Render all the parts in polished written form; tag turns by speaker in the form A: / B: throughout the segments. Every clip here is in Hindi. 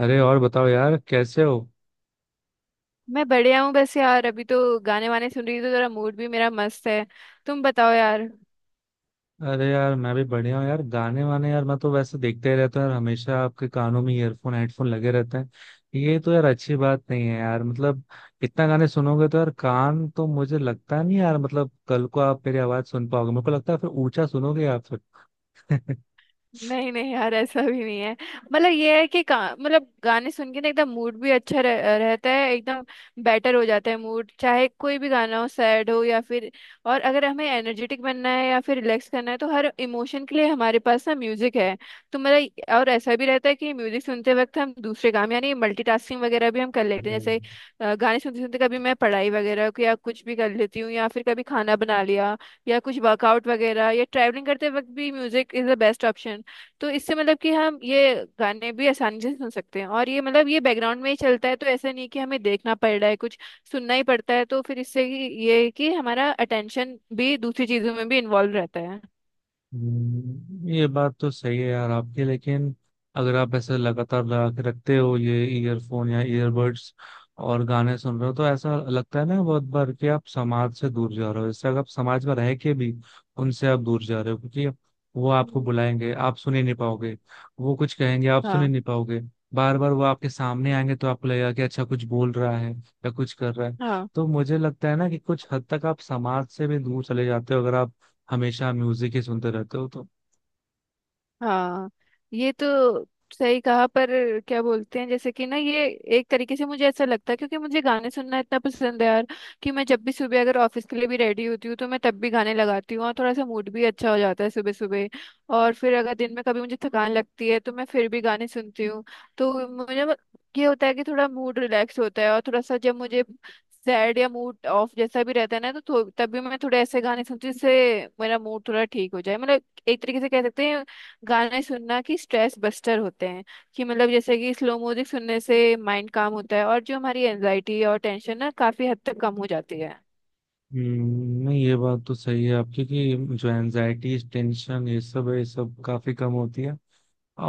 A: अरे, और बताओ यार, कैसे हो?
B: मैं बढ़िया हूँ बस यार अभी तो गाने वाने सुन रही थी, तो जरा मूड भी मेरा मस्त है। तुम बताओ यार।
A: अरे यार, मैं भी बढ़िया हूँ यार। गाने वाने, यार मैं तो वैसे देखते ही रहता हूँ यार, हमेशा आपके कानों में ईयरफोन हेडफोन लगे रहते हैं। ये तो यार अच्छी बात नहीं है यार, मतलब इतना गाने सुनोगे तो यार, कान तो मुझे लगता नहीं यार, मतलब कल को आप मेरी आवाज सुन पाओगे मेरे को लगता है, फिर ऊंचा सुनोगे आप फिर।
B: नहीं नहीं यार, ऐसा भी नहीं है। मतलब ये है कि मतलब गाने सुन के ना एकदम मूड भी अच्छा रहता है, एकदम बेटर हो जाता है मूड, चाहे कोई भी गाना हो, सैड हो या फिर। और अगर हमें एनर्जेटिक बनना है या फिर रिलैक्स करना है, तो हर इमोशन के लिए हमारे पास ना म्यूजिक है। तो मतलब और ऐसा भी रहता है कि म्यूजिक सुनते वक्त हम दूसरे काम, यानी मल्टीटास्किंग वगैरह भी हम कर लेते हैं,
A: नहीं।
B: जैसे गाने सुनते सुनते कभी मैं पढ़ाई वगैरह को या कुछ भी कर लेती हूँ, या फिर कभी खाना बना लिया, या कुछ वर्कआउट वगैरह या ट्रैवलिंग करते वक्त भी music is the best option. तो इससे मतलब कि हम ये गाने भी आसानी से सुन सकते हैं, और ये मतलब ये बैकग्राउंड में ही चलता है, तो ऐसा नहीं कि हमें देखना पड़ रहा है कुछ, सुनना ही पड़ता है। तो फिर इससे कि ये है कि हमारा अटेंशन भी दूसरी चीजों में भी इन्वॉल्व रहता है।
A: ये बात तो सही है यार आपकी, लेकिन अगर आप ऐसे लगातार लगा के रखते हो ये ईयरफोन या ईयरबड्स और गाने सुन रहे हो, तो ऐसा लगता है ना बहुत बार कि आप समाज से दूर जा रहे हो। इससे अगर आप समाज में रह के भी उनसे आप दूर जा रहे हो, क्योंकि वो आपको
B: हम्म,
A: बुलाएंगे आप सुन ही नहीं पाओगे। वो कुछ कहेंगे आप सुन ही
B: हाँ,
A: नहीं पाओगे। बार बार वो आपके सामने आएंगे तो आपको लगेगा कि अच्छा, कुछ बोल रहा है या कुछ कर रहा है।
B: हाँ,
A: तो मुझे लगता है ना कि कुछ हद तक आप समाज से भी दूर चले जाते हो अगर आप हमेशा म्यूजिक ही सुनते रहते हो तो।
B: हाँ। ये तो सही कहा, पर क्या बोलते हैं जैसे कि ना ये एक तरीके से मुझे ऐसा लगता है, क्योंकि मुझे गाने सुनना इतना पसंद है यार, कि मैं जब भी सुबह अगर ऑफिस के लिए भी रेडी होती हूँ तो मैं तब भी गाने लगाती हूँ, और थोड़ा सा मूड भी अच्छा हो जाता है सुबह सुबह। और फिर अगर दिन में कभी मुझे थकान लगती है तो मैं फिर भी गाने सुनती हूँ। तो मुझे ये होता है कि थोड़ा मूड रिलैक्स होता है, और थोड़ा सा जब मुझे सैड या मूड ऑफ जैसा भी रहता है ना, तो तब भी मैं थोड़े ऐसे गाने सुनती हूँ जिससे मेरा मूड थोड़ा ठीक हो जाए। मतलब एक तरीके से कह सकते हैं, गाने सुनना कि स्ट्रेस बस्टर होते हैं। कि मतलब जैसे कि स्लो म्यूजिक सुनने से माइंड काम होता है, और जो हमारी एनजाइटी और टेंशन ना काफी हद तक कम हो जाती है।
A: नहीं, ये बात तो सही है आपकी कि जो एनजाइटी टेंशन ये सब है, ये सब काफी कम होती है।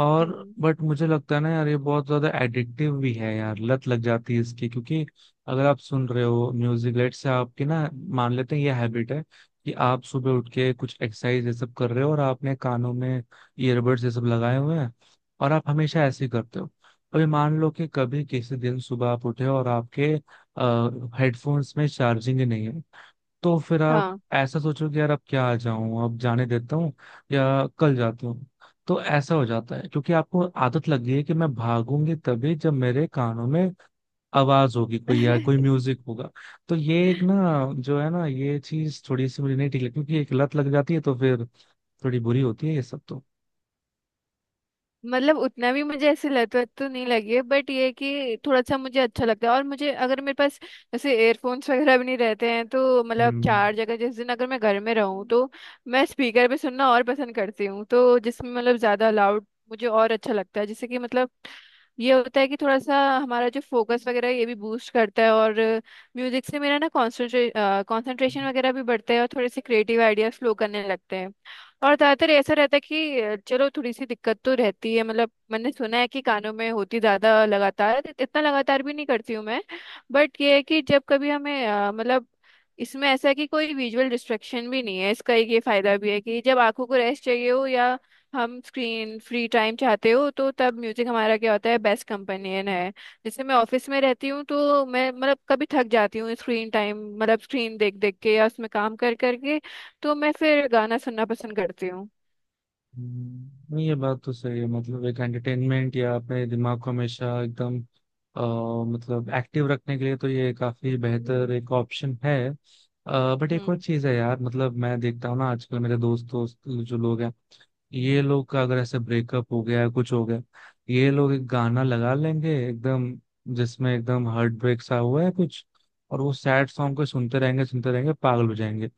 A: और
B: हम्म।
A: बट मुझे लगता है ना यार, ये बहुत ज्यादा एडिक्टिव भी है यार, लत लग जाती है इसकी। क्योंकि अगर आप सुन रहे हो म्यूजिक लेट से आपकी ना, मान लेते हैं ये हैबिट है कि आप सुबह उठ के कुछ एक्सरसाइज ये सब कर रहे हो और आपने कानों में ईयरबड्स ये सब लगाए हुए हैं और आप हमेशा
B: हम्म।
A: ऐसे ही करते हो। अभी मान लो कि कभी किसी दिन सुबह आप उठे और आपके हेडफोन्स में चार्जिंग ही नहीं है, तो फिर आप
B: हाँ।
A: ऐसा सोचो कि यार अब क्या आ जाऊं, अब जाने देता हूँ या कल जाता हूँ। तो ऐसा हो जाता है क्योंकि आपको आदत लग गई है कि मैं भागूंगी तभी जब मेरे कानों में आवाज होगी कोई या कोई म्यूजिक होगा। तो ये एक ना, जो है ना, ये चीज थोड़ी सी मुझे नहीं ठीक लगती, क्योंकि एक लत लग जाती है, तो फिर थोड़ी बुरी होती है ये सब तो।
B: मतलब उतना भी मुझे ऐसी लत वत तो नहीं लगी है, बट ये है कि थोड़ा सा मुझे अच्छा लगता है, और मुझे अगर मेरे पास जैसे एयरफोन्स वगैरह भी नहीं रहते हैं तो मतलब
A: हम्म।
B: चार जगह, जिस दिन अगर मैं घर में रहूँ तो मैं स्पीकर पे सुनना और पसंद करती हूँ, तो जिसमें मतलब ज़्यादा लाउड मुझे और अच्छा लगता है। जैसे कि मतलब ये होता है कि थोड़ा सा हमारा जो फोकस वगैरह है, ये भी बूस्ट करता है। और म्यूजिक से मेरा ना कॉन्सेंट्रेशन वगैरह भी बढ़ता है, और थोड़े से क्रिएटिव आइडियाज फ्लो करने लगते हैं। और ज्यादातर ऐसा रहता है कि चलो थोड़ी सी दिक्कत तो रहती है, मतलब मैंने सुना है कि कानों में होती ज्यादा लगातार, इतना लगातार भी नहीं करती हूँ मैं। बट ये है कि जब कभी हमें मतलब इसमें ऐसा है कि कोई विजुअल डिस्ट्रैक्शन भी नहीं है, इसका एक ये फायदा भी है कि जब आंखों को रेस्ट चाहिए हो, या हम स्क्रीन फ्री टाइम चाहते हो तो तब म्यूजिक हमारा क्या होता है, बेस्ट कंपेनियन है। जैसे मैं ऑफिस में रहती हूँ तो मैं मतलब कभी थक जाती हूँ स्क्रीन टाइम, मतलब स्क्रीन देख देख के या उसमें काम कर करके, तो मैं फिर गाना सुनना पसंद करती हूँ।
A: ये बात तो सही है, मतलब एक एंटरटेनमेंट या अपने दिमाग को हमेशा एकदम अ, मतलब एक्टिव रखने के लिए तो ये काफी बेहतर
B: हम्म।
A: एक ऑप्शन है। बट एक और
B: हम्म।
A: चीज है यार, मतलब मैं देखता हूँ ना आजकल मेरे दोस्त दोस्त जो लोग हैं, ये लोग का अगर ऐसे ब्रेकअप हो गया या कुछ हो गया, ये लोग एक गाना लगा लेंगे एकदम, जिसमें एकदम हार्ट ब्रेक सा हुआ है कुछ, और वो सैड सॉन्ग को सुनते रहेंगे सुनते रहेंगे, पागल हो जाएंगे।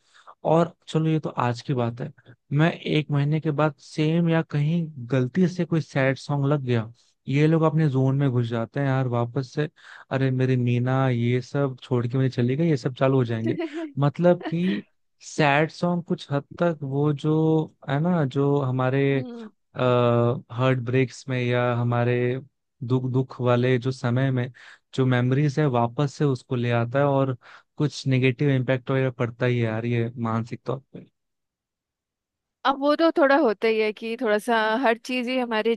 A: और चलो ये तो आज की बात है, मैं एक महीने के बाद सेम या कहीं गलती से कोई सैड सॉन्ग लग गया, ये लोग अपने जोन में घुस जाते हैं यार वापस से। अरे मेरी मीना ये सब छोड़ के मुझे चली गई, ये सब चालू हो जाएंगे। मतलब कि सैड सॉन्ग कुछ हद तक वो जो है ना, जो हमारे
B: हम्म।
A: हार्ट ब्रेक्स में या हमारे दुख दुख वाले जो समय में जो मेमोरीज है, वापस से उसको ले आता है और कुछ नेगेटिव इम्पैक्ट वगैरह पड़ता ही है यार, ये मानसिक तौर पे।
B: अब वो तो थोड़ा होता ही है कि थोड़ा सा हर चीज ही हमारे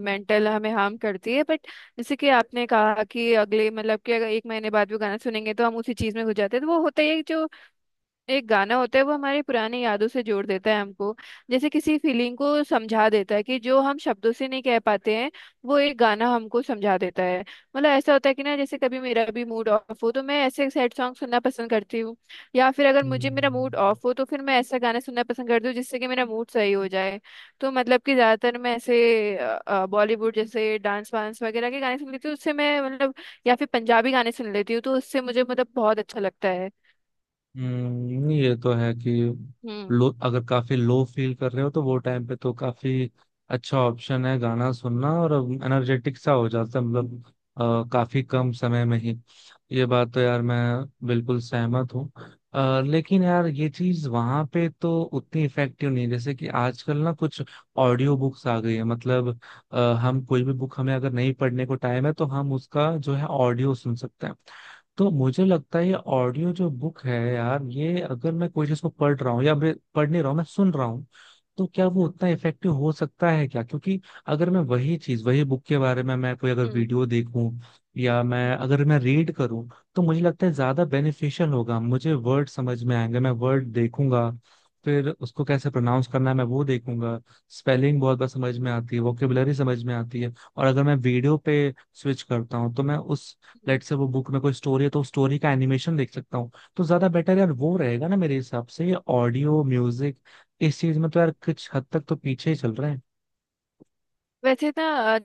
B: मेंटल हमें हार्म करती है, बट जैसे कि आपने कहा कि अगले मतलब कि अगर एक महीने बाद भी गाना सुनेंगे तो हम उसी चीज में घुस जाते हैं, तो वो होता ही है। जो एक गाना होता है वो हमारी पुरानी यादों से जोड़ देता है हमको, जैसे किसी फीलिंग को समझा देता है कि जो हम शब्दों से नहीं कह पाते हैं, वो एक गाना हमको समझा देता है। मतलब ऐसा होता है कि ना जैसे कभी मेरा भी मूड ऑफ हो तो मैं ऐसे सैड सॉन्ग सुनना पसंद करती हूँ, या फिर अगर मुझे मेरा मूड
A: हम्म।
B: ऑफ हो तो फिर मैं ऐसा गाना सुनना पसंद करती हूँ जिससे कि मेरा मूड सही हो जाए। तो मतलब कि ज्यादातर मैं ऐसे बॉलीवुड जैसे डांस वांस वगैरह के गाने सुन लेती हूँ, उससे मैं मतलब, या फिर पंजाबी गाने सुन लेती हूँ, तो उससे मुझे मतलब बहुत अच्छा लगता है।
A: हम्म, ये तो है कि
B: हम्म।
A: लो, अगर काफी लो फील कर रहे हो तो वो टाइम पे तो काफी अच्छा ऑप्शन है गाना सुनना। और एनर्जेटिक सा हो जाता है, मतलब काफी कम समय में ही। ये बात तो यार मैं बिल्कुल सहमत हूँ। लेकिन यार ये चीज वहां पे तो उतनी इफेक्टिव नहीं है। जैसे कि आजकल ना कुछ ऑडियो बुक्स आ गई है, मतलब अ, हम कोई भी बुक, हमें अगर नहीं पढ़ने को टाइम है तो हम उसका जो है ऑडियो सुन सकते हैं। तो मुझे लगता है ये ऑडियो जो बुक है यार, ये अगर मैं कोई चीज को पढ़ रहा हूँ या मैं पढ़ नहीं रहा हूँ मैं सुन रहा हूँ, तो क्या वो उतना इफेक्टिव हो सकता है क्या? क्योंकि अगर मैं वही चीज, वही बुक के बारे में मैं कोई अगर
B: हम्म।
A: वीडियो देखूं या मैं
B: हम्म।
A: अगर मैं रीड करूं, तो मुझे लगता है ज्यादा बेनिफिशियल होगा। मुझे वर्ड समझ में आएंगे, मैं वर्ड देखूंगा, फिर उसको कैसे प्रोनाउंस करना है मैं वो देखूंगा, स्पेलिंग बहुत बार समझ में आती है, वोकेबुलरी समझ में आती है। और अगर मैं वीडियो पे स्विच करता हूँ, तो मैं उस,
B: हम्म।
A: लेट से वो बुक में कोई स्टोरी है तो स्टोरी का एनिमेशन देख सकता हूँ। तो ज्यादा बेटर यार वो रहेगा ना मेरे हिसाब से। ये ऑडियो म्यूजिक इस चीज में तो यार कुछ हद तक तो पीछे ही चल रहे हैं।
B: वैसे ना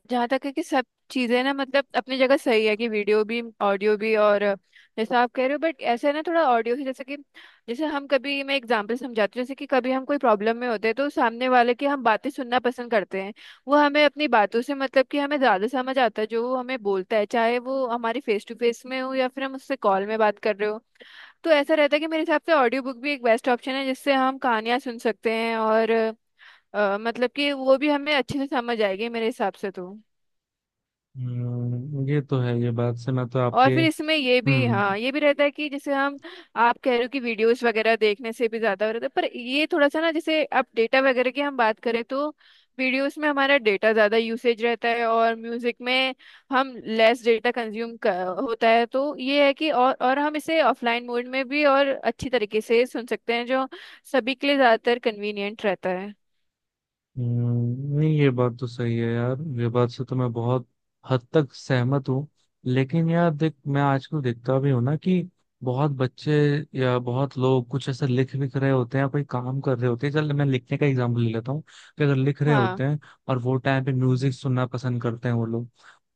B: जहाँ तक है कि सब चीज़ें ना मतलब अपनी जगह सही है, कि वीडियो भी ऑडियो भी और जैसा आप कह रहे हो, बट ऐसा है ना थोड़ा ऑडियो से, जैसे कि जैसे हम कभी, मैं एग्जांपल समझाती हूँ, जैसे कि कभी हम कोई प्रॉब्लम में होते हैं तो सामने वाले की हम बातें सुनना पसंद करते हैं। वो हमें अपनी बातों से मतलब कि हमें ज़्यादा समझ आता है जो वो हमें बोलता है, चाहे वो हमारी फेस टू फेस में हो या फिर हम उससे कॉल में बात कर रहे हो। तो ऐसा रहता है कि मेरे हिसाब से ऑडियो बुक भी एक बेस्ट ऑप्शन है, जिससे हम कहानियाँ सुन सकते हैं, और मतलब कि वो भी हमें अच्छे से समझ आएगी मेरे हिसाब से तो।
A: ये तो है, ये बात से मैं तो आपके।
B: और फिर इसमें ये भी,
A: हम्म।
B: हाँ, ये भी रहता है कि जैसे हम, आप कह रहे हो कि वीडियोस वगैरह देखने से भी ज्यादा हो रहा था, पर ये थोड़ा सा ना जैसे अब डेटा वगैरह की हम बात करें तो वीडियोस में हमारा डेटा ज्यादा यूसेज रहता है, और म्यूजिक में हम लेस डेटा कंज्यूम होता है। तो ये है कि और हम इसे ऑफलाइन मोड में भी और अच्छी तरीके से सुन सकते हैं, जो सभी के लिए ज्यादातर कन्वीनियंट रहता है।
A: नहीं ये बात तो सही है यार, ये बात से तो मैं बहुत हद तक सहमत हूँ। लेकिन यार देख, मैं आजकल देखता भी हूँ ना कि बहुत बच्चे या बहुत लोग कुछ ऐसा लिख विख रहे होते हैं या कोई काम कर रहे होते हैं, चल मैं लिखने का एग्जांपल ले लेता हूँ। कि अगर लिख रहे
B: हाँ,
A: होते हैं और वो टाइम पे म्यूजिक सुनना पसंद करते हैं वो लोग,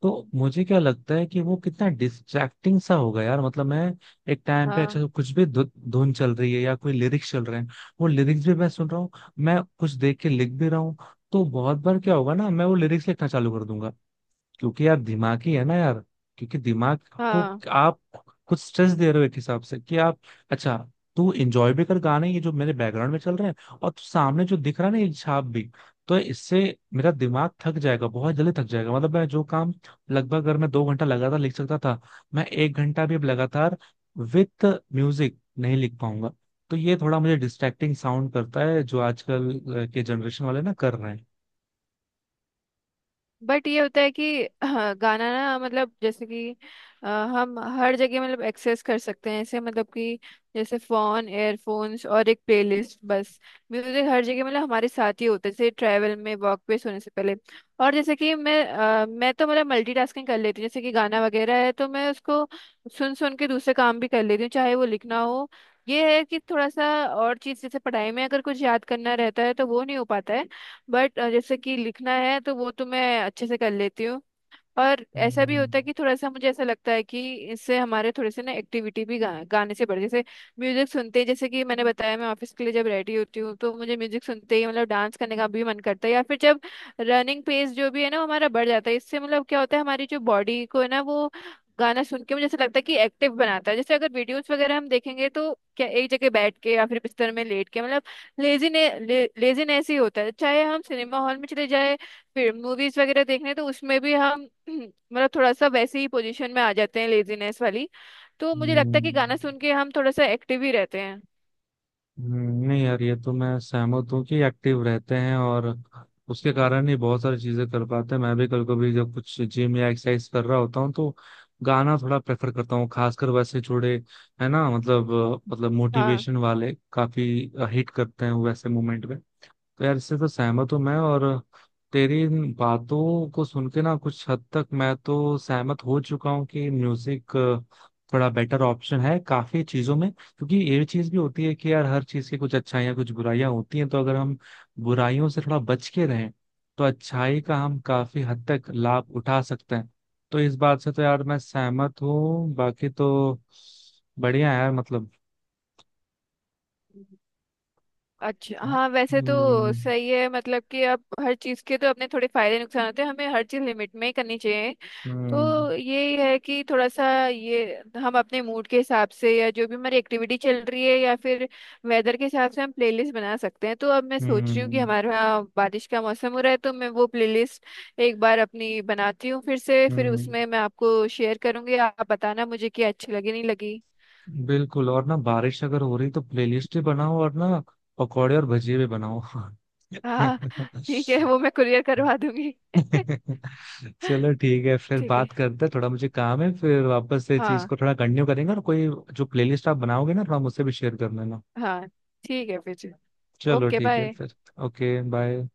A: तो मुझे क्या लगता है कि वो कितना डिस्ट्रैक्टिंग सा होगा यार। मतलब मैं एक टाइम पे,
B: हाँ,
A: अच्छा कुछ भी धुन चल रही है या कोई लिरिक्स चल रहे हैं, वो लिरिक्स भी मैं सुन रहा हूँ, मैं कुछ देख के लिख भी रहा हूँ, तो बहुत बार क्या होगा ना, मैं वो लिरिक्स लिखना चालू कर दूंगा। क्योंकि यार दिमाग ही है ना यार, क्योंकि दिमाग को
B: हाँ।
A: आप कुछ स्ट्रेस दे रहे हो एक हिसाब से कि आप, अच्छा तू एंजॉय भी कर गाने ये जो मेरे बैकग्राउंड में चल रहे हैं, और तू सामने जो दिख रहा है ना ये छाप भी। तो इससे मेरा दिमाग थक जाएगा, बहुत जल्दी थक जाएगा। मतलब मैं जो काम लगभग अगर मैं दो घंटा लगातार लिख सकता था, मैं एक घंटा भी अब लगातार विथ म्यूजिक नहीं लिख पाऊंगा। तो ये थोड़ा मुझे डिस्ट्रैक्टिंग साउंड करता है जो आजकल के जनरेशन वाले ना कर रहे हैं।
B: बट ये होता है कि हाँ, गाना ना मतलब जैसे कि अ, हम हर जगह मतलब एक्सेस कर सकते हैं ऐसे, मतलब कि जैसे फोन, एयरफोन्स और एक प्लेलिस्ट बस, म्यूजिक हर जगह मतलब हमारे साथ ही होता है, जैसे ट्रैवल में, वॉक पे, सोने से पहले। और जैसे कि मैं मैं तो मतलब मल्टीटास्किंग कर लेती हूँ, जैसे कि गाना वगैरह है तो मैं उसको सुन सुन के दूसरे काम भी कर लेती हूँ, चाहे वो लिखना हो। ये है कि थोड़ा सा और चीज़, जैसे पढ़ाई में अगर कुछ याद करना रहता है तो वो नहीं हो पाता है, बट जैसे कि लिखना है तो वो तो मैं अच्छे से कर लेती हूँ। और ऐसा भी
A: हम्म।
B: होता है कि थोड़ा सा मुझे ऐसा लगता है कि इससे हमारे थोड़े से ना एक्टिविटी भी गाने से बढ़, जैसे म्यूजिक सुनते ही, जैसे कि मैंने बताया मैं ऑफिस के लिए जब रेडी होती हूँ तो मुझे म्यूजिक सुनते ही मतलब डांस करने का भी मन करता है, या फिर जब रनिंग पेस जो भी है ना वो हमारा बढ़ जाता है। इससे मतलब क्या होता है, हमारी जो बॉडी को है ना वो गाना सुन के मुझे ऐसा लगता है कि एक्टिव बनाता है। जैसे अगर वीडियोस वगैरह हम देखेंगे तो क्या एक जगह बैठ के या फिर बिस्तर में लेट के, मतलब लेजीनेस ही होता है, चाहे हम सिनेमा हॉल में चले जाए फिर मूवीज वगैरह देखने, तो उसमें भी हम मतलब थोड़ा सा वैसे ही पोजीशन में आ जाते हैं लेजीनेस वाली। तो मुझे लगता है कि गाना सुन
A: हम्म।
B: के हम थोड़ा सा एक्टिव ही रहते हैं।
A: नहीं यार ये तो मैं सहमत हूँ कि एक्टिव रहते हैं और उसके
B: हम्म,
A: कारण ही बहुत सारी चीजें कर पाते हैं। मैं भी कभी कभी जब कुछ जिम या एक्सरसाइज कर रहा होता हूँ तो गाना थोड़ा प्रेफर करता हूँ, खासकर वैसे जुड़े, है ना, मतलब मतलब
B: हाँ।
A: मोटिवेशन वाले काफी हिट करते हैं वैसे मोमेंट में। तो यार इससे तो सहमत हूँ मैं, और तेरी इन बातों को सुन के ना कुछ हद तक मैं तो सहमत हो चुका हूँ कि म्यूजिक थोड़ा बेटर ऑप्शन है काफी चीजों में। क्योंकि ये चीज भी होती है कि यार हर चीज की कुछ अच्छाइयाँ कुछ बुराइयां होती हैं, तो अगर हम बुराइयों से थोड़ा बच के रहें, तो अच्छाई का हम काफी हद तक लाभ उठा सकते हैं। तो इस बात से तो यार मैं सहमत हूँ, बाकी तो बढ़िया है यार, मतलब।
B: अच्छा,
A: हाँ।
B: हाँ, वैसे तो
A: हम्म।
B: सही है, मतलब कि अब हर चीज़ के तो अपने थोड़े फायदे नुकसान होते हैं, हमें हर चीज़ लिमिट में ही करनी चाहिए।
A: हम्म।
B: तो यही है कि थोड़ा सा ये हम अपने मूड के हिसाब से, या जो भी हमारी एक्टिविटी चल रही है, या फिर वेदर के हिसाब से हम प्लेलिस्ट बना सकते हैं। तो अब मैं सोच रही हूँ कि
A: हम्म।
B: हमारे यहाँ बारिश का मौसम हो रहा है, तो मैं वो प्लेलिस्ट एक बार अपनी बनाती हूँ फिर से, फिर
A: हम्म।
B: उसमें मैं आपको शेयर करूँगी, आप बताना मुझे कि अच्छी लगी नहीं लगी।
A: बिल्कुल, और ना बारिश अगर हो रही तो प्लेलिस्ट ही बनाओ, और ना पकौड़े और भजिए भी बनाओ।
B: हाँ, ठीक है, वो मैं कुरियर करवा दूंगी।
A: चलो ठीक है, फिर
B: ठीक है।
A: बात करते हैं, थोड़ा मुझे काम है। फिर वापस से चीज
B: हाँ,
A: को थोड़ा कंटिन्यू करेंगे। और कोई जो प्लेलिस्ट आप बनाओगे ना, थोड़ा मुझसे भी शेयर कर लेना।
B: हाँ, ठीक है फिर।
A: चलो
B: ओके,
A: ठीक है
B: बाय।
A: फिर। Okay bye.